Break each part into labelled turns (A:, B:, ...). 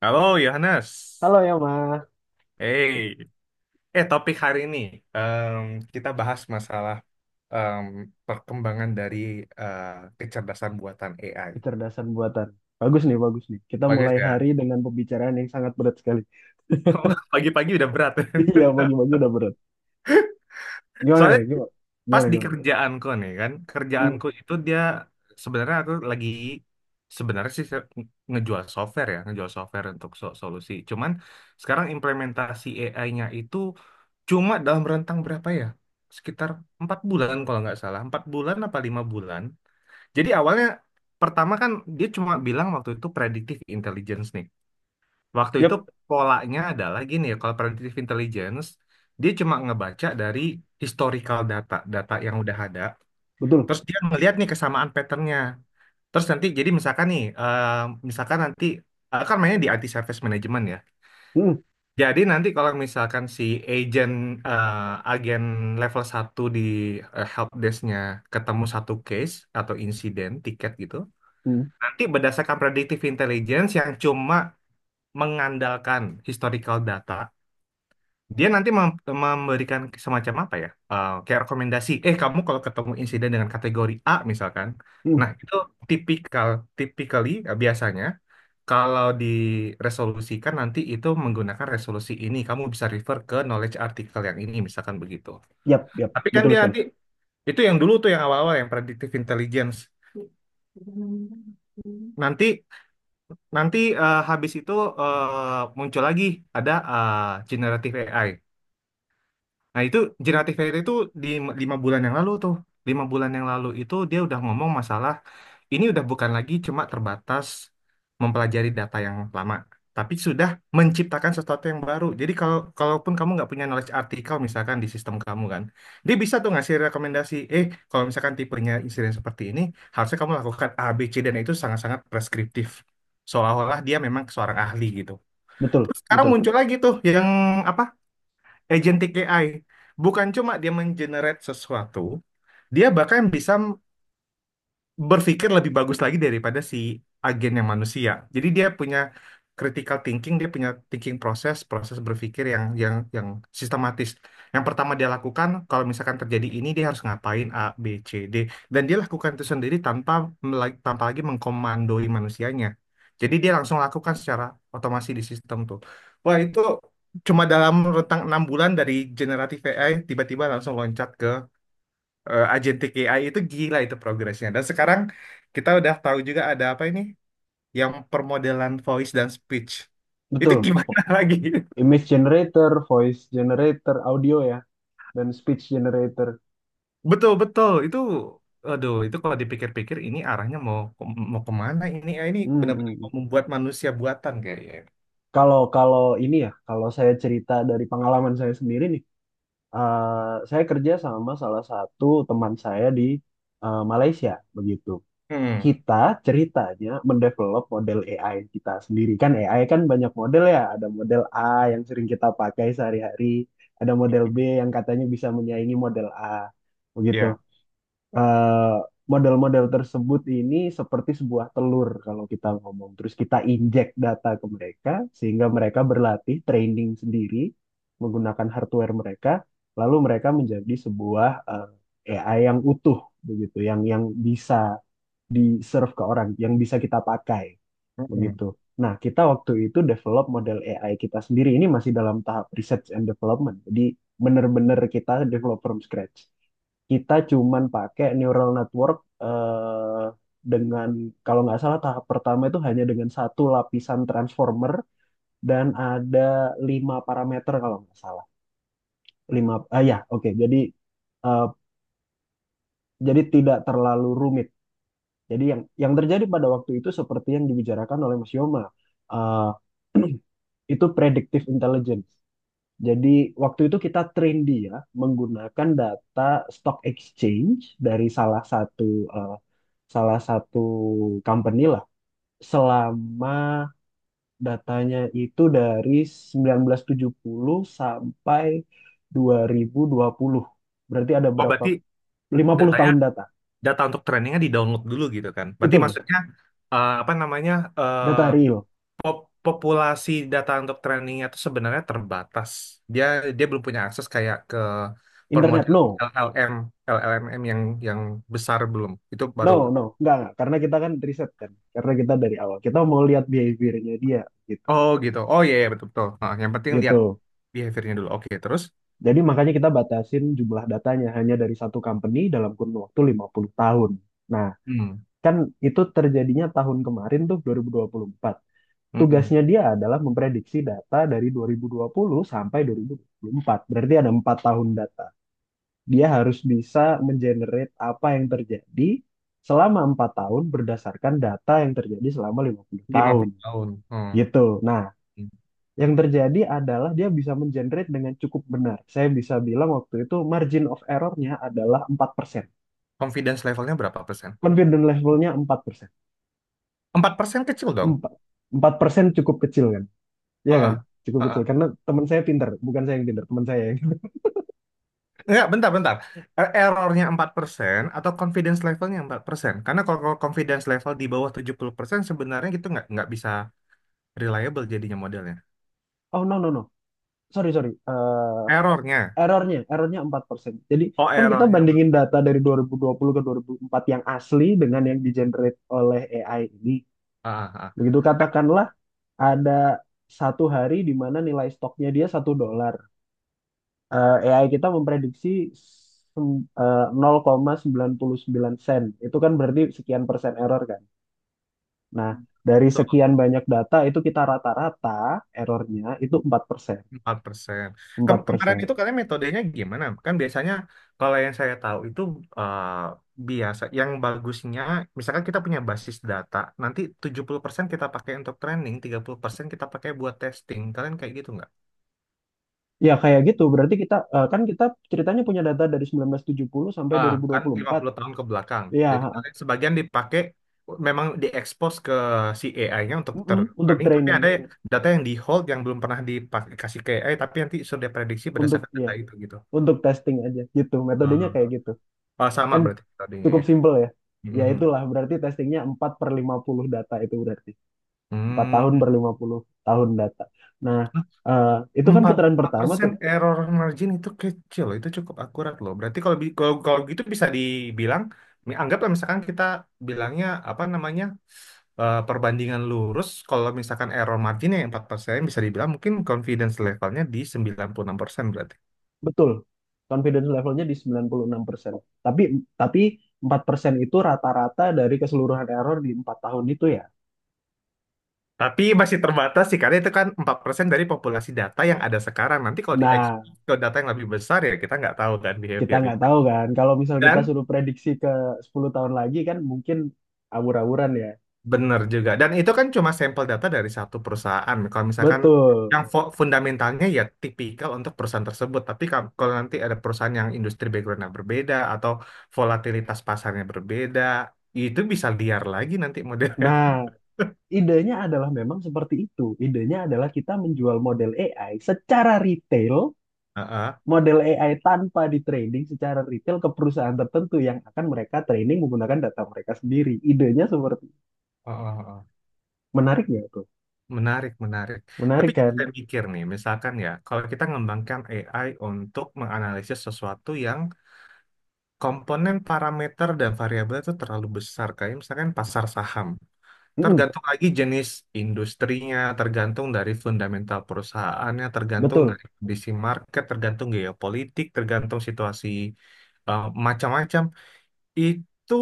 A: Halo Yohanes,
B: Halo ya, Ma.
A: hey, topik hari ini em, kita bahas masalah em, perkembangan dari eh, kecerdasan buatan AI.
B: Kecerdasan buatan. Bagus nih, bagus nih. Kita
A: Bagus
B: mulai hari
A: ya.
B: dengan pembicaraan yang sangat berat sekali.
A: Pagi-pagi udah berat.
B: Iya, pagi-pagi udah berat. Gimana
A: Soalnya
B: nih? Gimana?
A: pas
B: Gimana,
A: di
B: gimana?
A: kerjaanku nih kan,
B: Hmm.
A: kerjaanku itu dia sebenarnya aku lagi sebenarnya sih ngejual software ya, ngejual software untuk solusi. Cuman sekarang implementasi AI-nya itu cuma dalam rentang berapa ya? Sekitar empat bulan kalau nggak salah. Empat bulan apa lima bulan. Jadi awalnya pertama kan dia cuma bilang waktu itu predictive intelligence nih. Waktu itu
B: Yap,
A: polanya adalah gini ya, kalau predictive intelligence dia cuma ngebaca dari historical data, data yang udah ada.
B: betul.
A: Terus dia ngeliat nih kesamaan patternnya. Terus nanti jadi misalkan nih, misalkan nanti kan mainnya di IT service management ya.
B: Hmm.
A: Jadi nanti kalau misalkan si agent eh, agen level satu di helpdesk-nya ketemu satu case atau insiden tiket gitu,
B: Hmm.
A: nanti berdasarkan predictive intelligence yang cuma mengandalkan historical data, dia nanti memberikan semacam apa ya? Kayak rekomendasi, eh kamu kalau ketemu insiden dengan kategori A misalkan,
B: Hmm.
A: nah itu tipikal, typically biasanya kalau diresolusikan nanti itu menggunakan resolusi ini, kamu bisa refer ke knowledge artikel yang ini, misalkan begitu.
B: Yap, yap.
A: Tapi kan
B: Betul
A: dia
B: sekali.
A: nanti, itu yang dulu tuh yang awal-awal, yang predictive intelligence. Nanti, nanti habis itu muncul lagi, ada generative AI. Nah itu generatif AI itu di lima lima bulan yang lalu tuh. Lima bulan yang lalu itu dia udah ngomong masalah ini udah bukan lagi cuma terbatas mempelajari data yang lama, tapi sudah menciptakan sesuatu yang baru. Jadi kalau kalaupun kamu nggak punya knowledge artikel misalkan di sistem kamu kan, dia bisa tuh ngasih rekomendasi, eh kalau misalkan tipenya insiden seperti ini, harusnya kamu lakukan A, B, C dan itu sangat-sangat preskriptif. Seolah-olah dia memang seorang ahli gitu.
B: Betul,
A: Terus sekarang
B: betul,
A: muncul lagi tuh yang apa agentic AI bukan cuma dia mengenerate sesuatu, dia bahkan bisa berpikir lebih bagus lagi daripada si agen yang manusia. Jadi dia punya critical thinking, dia punya thinking proses, proses berpikir yang sistematis. Yang pertama dia lakukan, kalau misalkan terjadi ini dia harus ngapain A, B, C, D dan dia lakukan itu sendiri tanpa tanpa lagi mengkomandoi manusianya. Jadi dia langsung lakukan secara otomasi di sistem tuh. Wah, itu cuma dalam rentang enam bulan dari generative AI tiba-tiba langsung loncat agentic AI itu gila itu progresnya. Dan sekarang kita udah tahu juga ada apa ini yang permodelan voice dan speech. Itu
B: betul.
A: gimana
B: Vo-
A: lagi?
B: Image generator, voice generator, audio ya, dan speech generator.
A: Betul-betul itu aduh itu kalau dipikir-pikir ini arahnya mau mau kemana ini ya ini
B: Hmm. Hmm,
A: benar-benar
B: hmm.
A: mau membuat manusia buatan kayaknya.
B: Kalau kalau ini ya, kalau saya cerita dari pengalaman saya sendiri nih, eh, saya kerja sama salah satu teman saya di Malaysia, begitu.
A: Hmm.
B: Kita ceritanya mendevelop model AI kita sendiri. Kan AI kan banyak model ya, ada model A yang sering kita pakai sehari-hari, ada model B yang katanya bisa menyaingi model A, begitu.
A: Ya.
B: Eh, model-model tersebut ini seperti sebuah telur kalau kita ngomong. Terus kita injek data ke mereka sehingga mereka berlatih training sendiri menggunakan hardware mereka, lalu mereka menjadi sebuah AI yang utuh begitu, yang bisa di-serve ke orang, yang bisa kita pakai
A: Hmm.
B: begitu. Nah, kita waktu itu develop model AI kita sendiri ini masih dalam tahap research and development. Jadi benar-benar kita develop from scratch, kita cuman pakai neural network eh, dengan, kalau nggak salah, tahap pertama itu hanya dengan satu lapisan transformer dan ada lima parameter, kalau nggak salah lima. Ah, ya, oke. Jadi eh, jadi tidak terlalu rumit. Jadi yang terjadi pada waktu itu seperti yang dibicarakan oleh Mas Yoma, itu predictive intelligence. Jadi waktu itu kita train dia menggunakan data stock exchange dari eh, salah satu company lah, selama datanya itu dari 1970 sampai 2020. Berarti ada
A: Oh
B: berapa,
A: berarti
B: 50
A: datanya
B: tahun data.
A: data untuk trainingnya di download dulu gitu kan? Berarti
B: Betul.
A: maksudnya apa namanya eh,
B: Data real.
A: populasi data untuk trainingnya itu sebenarnya terbatas. Dia dia belum punya akses kayak ke
B: Internet
A: permodalan
B: no.
A: LLM, LLMM yang besar belum. Itu
B: No,
A: baru.
B: no, enggak, enggak. Karena kita kan riset kan. Karena kita dari awal, kita mau lihat behaviornya dia gitu.
A: Oh gitu. Oh iya iya, betul betul. Nah, yang penting lihat
B: Gitu.
A: behaviornya dulu. Oke terus.
B: Jadi makanya kita batasin jumlah datanya hanya dari satu company dalam kurun waktu 50 tahun. Nah,
A: Hmm.
B: kan itu terjadinya tahun kemarin tuh 2024.
A: Mm-mm.
B: Tugasnya dia adalah memprediksi data dari 2020 sampai 2024. Berarti ada 4 tahun data. Dia harus bisa mengenerate apa yang terjadi selama 4 tahun berdasarkan data yang terjadi selama 50 tahun.
A: 50 tahun. Hmm.
B: Gitu. Nah, yang terjadi adalah dia bisa mengenerate dengan cukup benar. Saya bisa bilang waktu itu margin of error-nya adalah 4%.
A: Confidence levelnya berapa persen?
B: Confidence level-nya 4%.
A: 4 persen kecil dong.
B: Empat persen cukup kecil kan? Iya kan?
A: Heeh.
B: Cukup kecil.
A: Heeh.
B: Karena teman saya pinter. Bukan saya yang pinter, teman saya yang...
A: Enggak, bentar, bentar. Errornya 4% atau confidence levelnya empat persen? Karena kalau kalau confidence level di bawah 70% sebenarnya gitu nggak bisa reliable jadinya modelnya.
B: Oh, no, no, no. Sorry, sorry. Eh
A: Errornya.
B: errornya, errornya 4%. Jadi
A: Oh,
B: kan kita
A: errornya.
B: bandingin data dari dua dua ribu dua puluh ke 2004 yang asli dengan yang di-generate oleh AI ini.
A: Ah, ah, ah.
B: Begitu katakanlah ada satu hari di mana nilai stoknya dia 1 dolar. AI kita memprediksi 0,99 sen. Itu kan berarti sekian persen error kan. Nah, dari sekian
A: Tuh,
B: banyak data itu kita rata-rata errornya itu 4%.
A: empat persen.
B: empat
A: Kemarin
B: persen.
A: itu kalian metodenya gimana? Kan biasanya kalau yang saya tahu itu eh, biasa. Yang bagusnya, misalkan kita punya basis data, nanti 70% kita pakai untuk training, 30% kita pakai buat testing. Kalian kayak gitu?
B: Ya kayak gitu, berarti kita, kan kita ceritanya punya data dari 1970 sampai
A: Ah, kan lima
B: 2024.
A: puluh tahun ke belakang.
B: Ya,
A: Jadi
B: ha-ha.
A: sebagian dipakai memang diekspos ke si AI-nya untuk
B: Mm-mm. Untuk
A: tertraining, tapi
B: training,
A: ada data yang di hold yang belum pernah dipakai kasih ke AI, tapi nanti sudah prediksi
B: untuk
A: berdasarkan
B: ya,
A: data itu gitu.
B: untuk testing aja gitu.
A: Ah.
B: Metodenya kayak gitu.
A: Oh, sama
B: Kan
A: berarti tadinya
B: cukup
A: ya.
B: simple ya. Ya
A: Mhm.
B: itulah berarti testingnya 4 per 50 data itu berarti. Empat
A: Hmm.
B: tahun per 50 tahun data. Nah,
A: Hmm.
B: eh, itu kan
A: Empat
B: putaran pertama
A: persen
B: tuh.
A: error margin itu kecil, loh. Itu cukup akurat loh. Berarti kalau kalau, kalau gitu bisa dibilang, anggaplah misalkan kita bilangnya apa namanya perbandingan lurus kalau misalkan error marginnya yang 4%, bisa dibilang mungkin confidence levelnya di 96% berarti.
B: Betul. Confidence levelnya di 96%. Tapi tapi 4% itu rata-rata dari keseluruhan error di 4 tahun itu ya.
A: Tapi masih terbatas sih karena itu kan 4% dari populasi data yang ada sekarang. Nanti kalau di
B: Nah,
A: expose ke data yang lebih besar ya kita nggak tahu kan
B: kita
A: behaviornya.
B: nggak tahu kan. Kalau misal kita
A: Dan
B: suruh prediksi ke 10 tahun lagi kan mungkin awur-awuran ya.
A: bener juga. Dan itu kan cuma sampel data dari satu perusahaan. Kalau misalkan
B: Betul.
A: yang fundamentalnya ya tipikal untuk perusahaan tersebut. Tapi kalau nanti ada perusahaan yang industri backgroundnya berbeda atau volatilitas pasarnya berbeda, itu bisa liar lagi nanti modelnya.
B: Nah, idenya adalah memang seperti itu. Idenya adalah kita menjual model AI secara retail,
A: Heeh.
B: model AI tanpa di training, secara retail ke perusahaan tertentu yang akan mereka training menggunakan data mereka sendiri. Idenya seperti,
A: Heeh, heeh.
B: menarik nggak tuh?
A: Menarik, menarik. Tapi
B: Menarik
A: jadi
B: kan?
A: saya mikir nih, misalkan ya, kalau kita mengembangkan AI untuk menganalisis sesuatu yang komponen parameter dan variabel itu terlalu besar, kayak misalkan pasar saham.
B: Mm-mm,
A: Tergantung lagi jenis industrinya, tergantung dari fundamental perusahaannya, tergantung
B: betul.
A: dari kondisi market, tergantung geopolitik, tergantung situasi macam-macam. Itu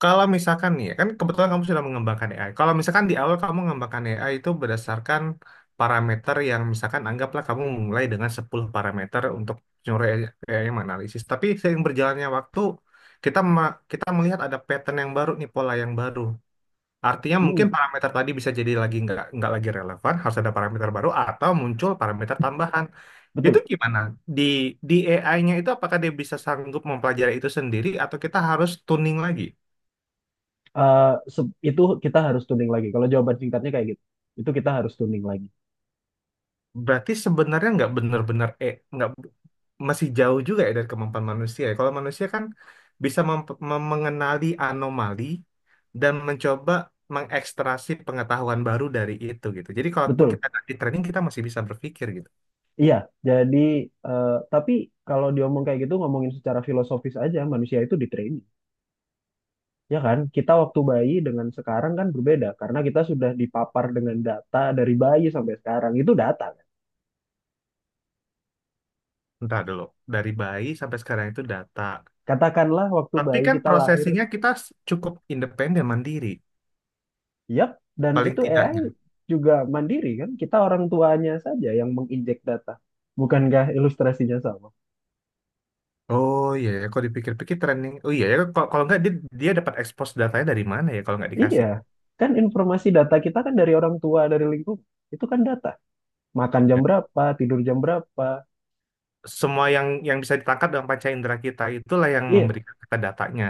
A: kalau misalkan nih, ya, kan kebetulan kamu sudah mengembangkan AI. Kalau misalkan di awal kamu mengembangkan AI itu berdasarkan parameter yang misalkan anggaplah kamu mulai dengan 10 parameter untuk nyuruh AI yang menganalisis. Tapi seiring berjalannya waktu, kita melihat ada pattern yang baru nih, pola yang baru. Artinya mungkin
B: Mm-mm,
A: parameter tadi bisa jadi lagi nggak lagi relevan, harus ada parameter baru atau muncul parameter tambahan. Itu
B: betul.
A: gimana? Di di AI-nya itu apakah dia bisa sanggup mempelajari itu sendiri atau kita harus tuning lagi?
B: Itu kita harus tuning lagi. Kalau jawaban singkatnya kayak gitu, itu kita harus tuning lagi.
A: Berarti sebenarnya nggak benar-benar nggak masih jauh juga ya dari kemampuan manusia. Ya. Kalau manusia kan bisa mengenali anomali dan mencoba mengekstrasi pengetahuan baru dari itu gitu. Jadi kalaupun
B: Betul.
A: kita di training kita masih bisa berpikir gitu.
B: Iya. Jadi, tapi kalau diomong kayak gitu, ngomongin secara filosofis aja, manusia itu di training. Ya kan, kita waktu bayi dengan sekarang kan berbeda karena kita sudah dipapar dengan data dari bayi sampai sekarang itu data, kan?
A: Entah dulu, dari bayi sampai sekarang itu data.
B: Katakanlah waktu
A: Tapi
B: bayi
A: kan
B: kita lahir,
A: prosesinya kita cukup independen, mandiri.
B: yap, dan
A: Paling
B: itu AI
A: tidaknya.
B: juga mandiri kan? Kita orang tuanya saja yang menginjek data. Bukankah ilustrasinya sama?
A: Oh iya, ya, kalau dipikir-pikir training. Oh iya, ya, kalau nggak dia, dia dapat expose datanya dari mana ya kalau nggak
B: Iya,
A: dikasih.
B: kan informasi data kita kan dari orang tua, dari lingkungan. Itu kan data. Makan jam
A: Iya.
B: berapa, tidur jam berapa.
A: Semua yang bisa ditangkap dalam panca indera kita itulah yang
B: Iya,
A: memberikan kita datanya.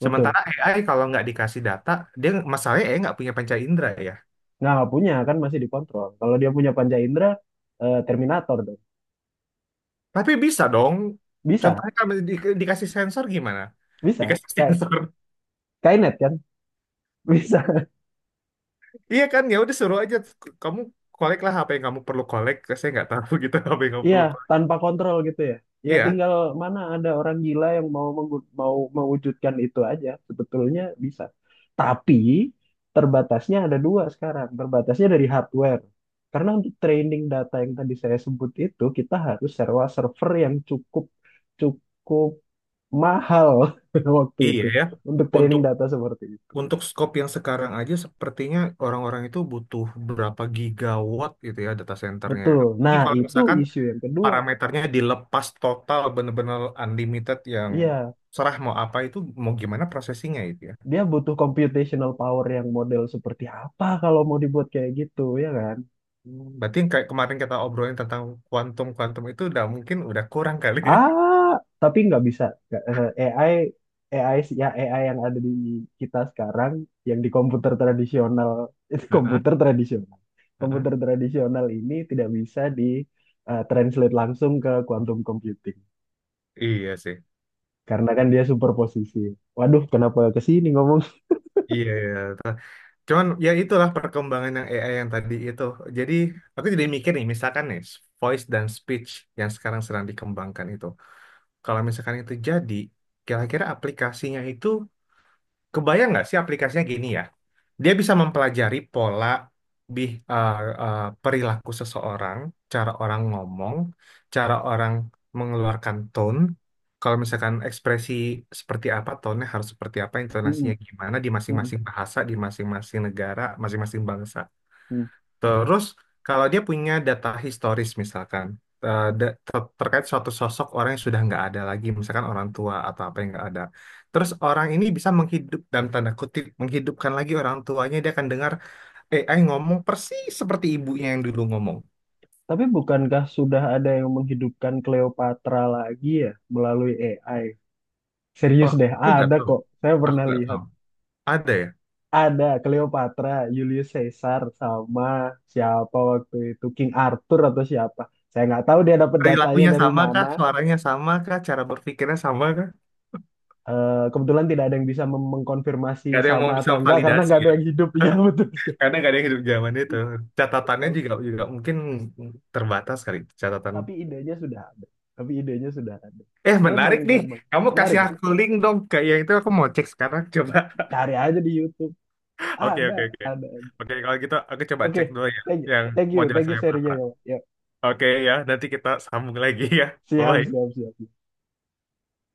B: betul.
A: Sementara AI kalau nggak dikasih data, dia masalahnya AI nggak punya panca indera ya.
B: Nah, nggak punya kan masih dikontrol. Kalau dia punya panca indera, Terminator dong.
A: Tapi bisa dong.
B: Bisa,
A: Contohnya kalau dikasih sensor gimana?
B: bisa.
A: Dikasih
B: Sky,
A: sensor.
B: Skynet kan? Bisa.
A: Iya kan ya udah suruh aja kamu kolek lah apa yang kamu perlu kolek saya nggak tahu gitu apa yang kamu
B: Iya,
A: perlu kolek
B: tanpa kontrol gitu ya. Ya
A: iya
B: tinggal mana ada orang gila yang mau mewujudkan itu aja. Sebetulnya bisa. Tapi terbatasnya ada dua sekarang. Terbatasnya dari hardware. Karena untuk training data yang tadi saya sebut itu kita harus sewa server yang cukup cukup mahal waktu
A: iya
B: itu,
A: ya.
B: untuk training
A: untuk
B: data seperti itu.
A: untuk scope yang sekarang aja sepertinya orang-orang itu butuh berapa gigawatt gitu ya data centernya.
B: Betul.
A: Apalagi
B: Nah,
A: kalau
B: itu
A: misalkan
B: isu yang kedua.
A: parameternya dilepas total bener-bener unlimited yang
B: Iya,
A: serah mau apa itu mau gimana prosesinya itu ya.
B: dia butuh computational power yang model seperti apa kalau mau dibuat kayak gitu ya kan.
A: Hmm, berarti yang kayak kemarin kita obrolin tentang kuantum kuantum itu udah mungkin udah kurang kali.
B: Ah, tapi nggak bisa. Nggak, AI AI sih- ya AI yang ada di kita sekarang, yang di komputer tradisional. Itu
A: Heeh,
B: komputer tradisional.
A: heeh.
B: Komputer tradisional ini tidak bisa di translate langsung ke quantum computing
A: Iya sih.
B: karena kan dia superposisi. Waduh, kenapa ke sini ngomong.
A: Iya, iya. Cuman ya itulah perkembangan yang AI yang tadi itu. Jadi aku jadi mikir nih, misalkan nih voice dan speech yang sekarang sedang dikembangkan itu. Kalau misalkan itu jadi, kira-kira aplikasinya itu kebayang nggak sih aplikasinya gini ya? Dia bisa mempelajari pola bih, eh, eh, perilaku seseorang, cara orang ngomong, cara orang mengeluarkan tone. Kalau misalkan ekspresi seperti apa, tone harus seperti apa, intonasinya
B: Mm-mm,
A: gimana di
B: mm-mm,
A: masing-masing bahasa, di masing-masing negara, masing-masing bangsa.
B: mm.
A: Terus kalau dia punya data historis misalkan terkait suatu sosok orang yang sudah nggak ada lagi, misalkan orang tua atau apa yang nggak ada. Terus orang ini bisa menghidup dalam tanda kutip menghidupkan lagi orang tuanya, dia akan dengar AI ngomong persis seperti ibunya yang dulu ngomong.
B: Tapi bukankah sudah ada yang menghidupkan Cleopatra lagi ya melalui AI? Serius
A: Oh,
B: deh,
A: aku nggak
B: ada
A: tahu,
B: kok. Saya
A: aku
B: pernah
A: nggak
B: lihat.
A: tahu. Ada ya?
B: Ada Cleopatra, Julius Caesar, sama siapa waktu itu, King Arthur atau siapa. Saya nggak tahu dia dapat datanya
A: Perilakunya
B: dari
A: sama
B: mana.
A: kah? Suaranya sama kah? Cara berpikirnya sama kah?
B: Kebetulan tidak ada yang bisa mengkonfirmasi
A: Gak ada yang
B: sama
A: mau bisa
B: atau enggak karena
A: validasi
B: nggak ada
A: ya,
B: yang hidup. Ya betul sekali.
A: karena gak ada yang hidup zaman itu. Catatannya
B: Tapi,
A: juga juga mungkin terbatas kali catatan.
B: tapi idenya sudah ada. Tapi idenya sudah ada.
A: Eh, menarik
B: Memang,
A: nih.
B: memang.
A: Kamu
B: Menarik
A: kasih
B: ya?
A: aku link dong ke yang itu aku mau cek sekarang. Coba.
B: Cari aja di YouTube.
A: Oke,
B: Ada,
A: oke, oke.
B: ada.
A: Oke, kalau gitu aku coba
B: Oke,
A: cek dulu ya
B: thank you,
A: yang
B: thank you,
A: model
B: thank you serinya
A: Cleopatra.
B: ya. Pak. Ya,
A: Oke ya, nanti kita sambung lagi ya.
B: siap, siap,
A: Bye-bye.
B: siap.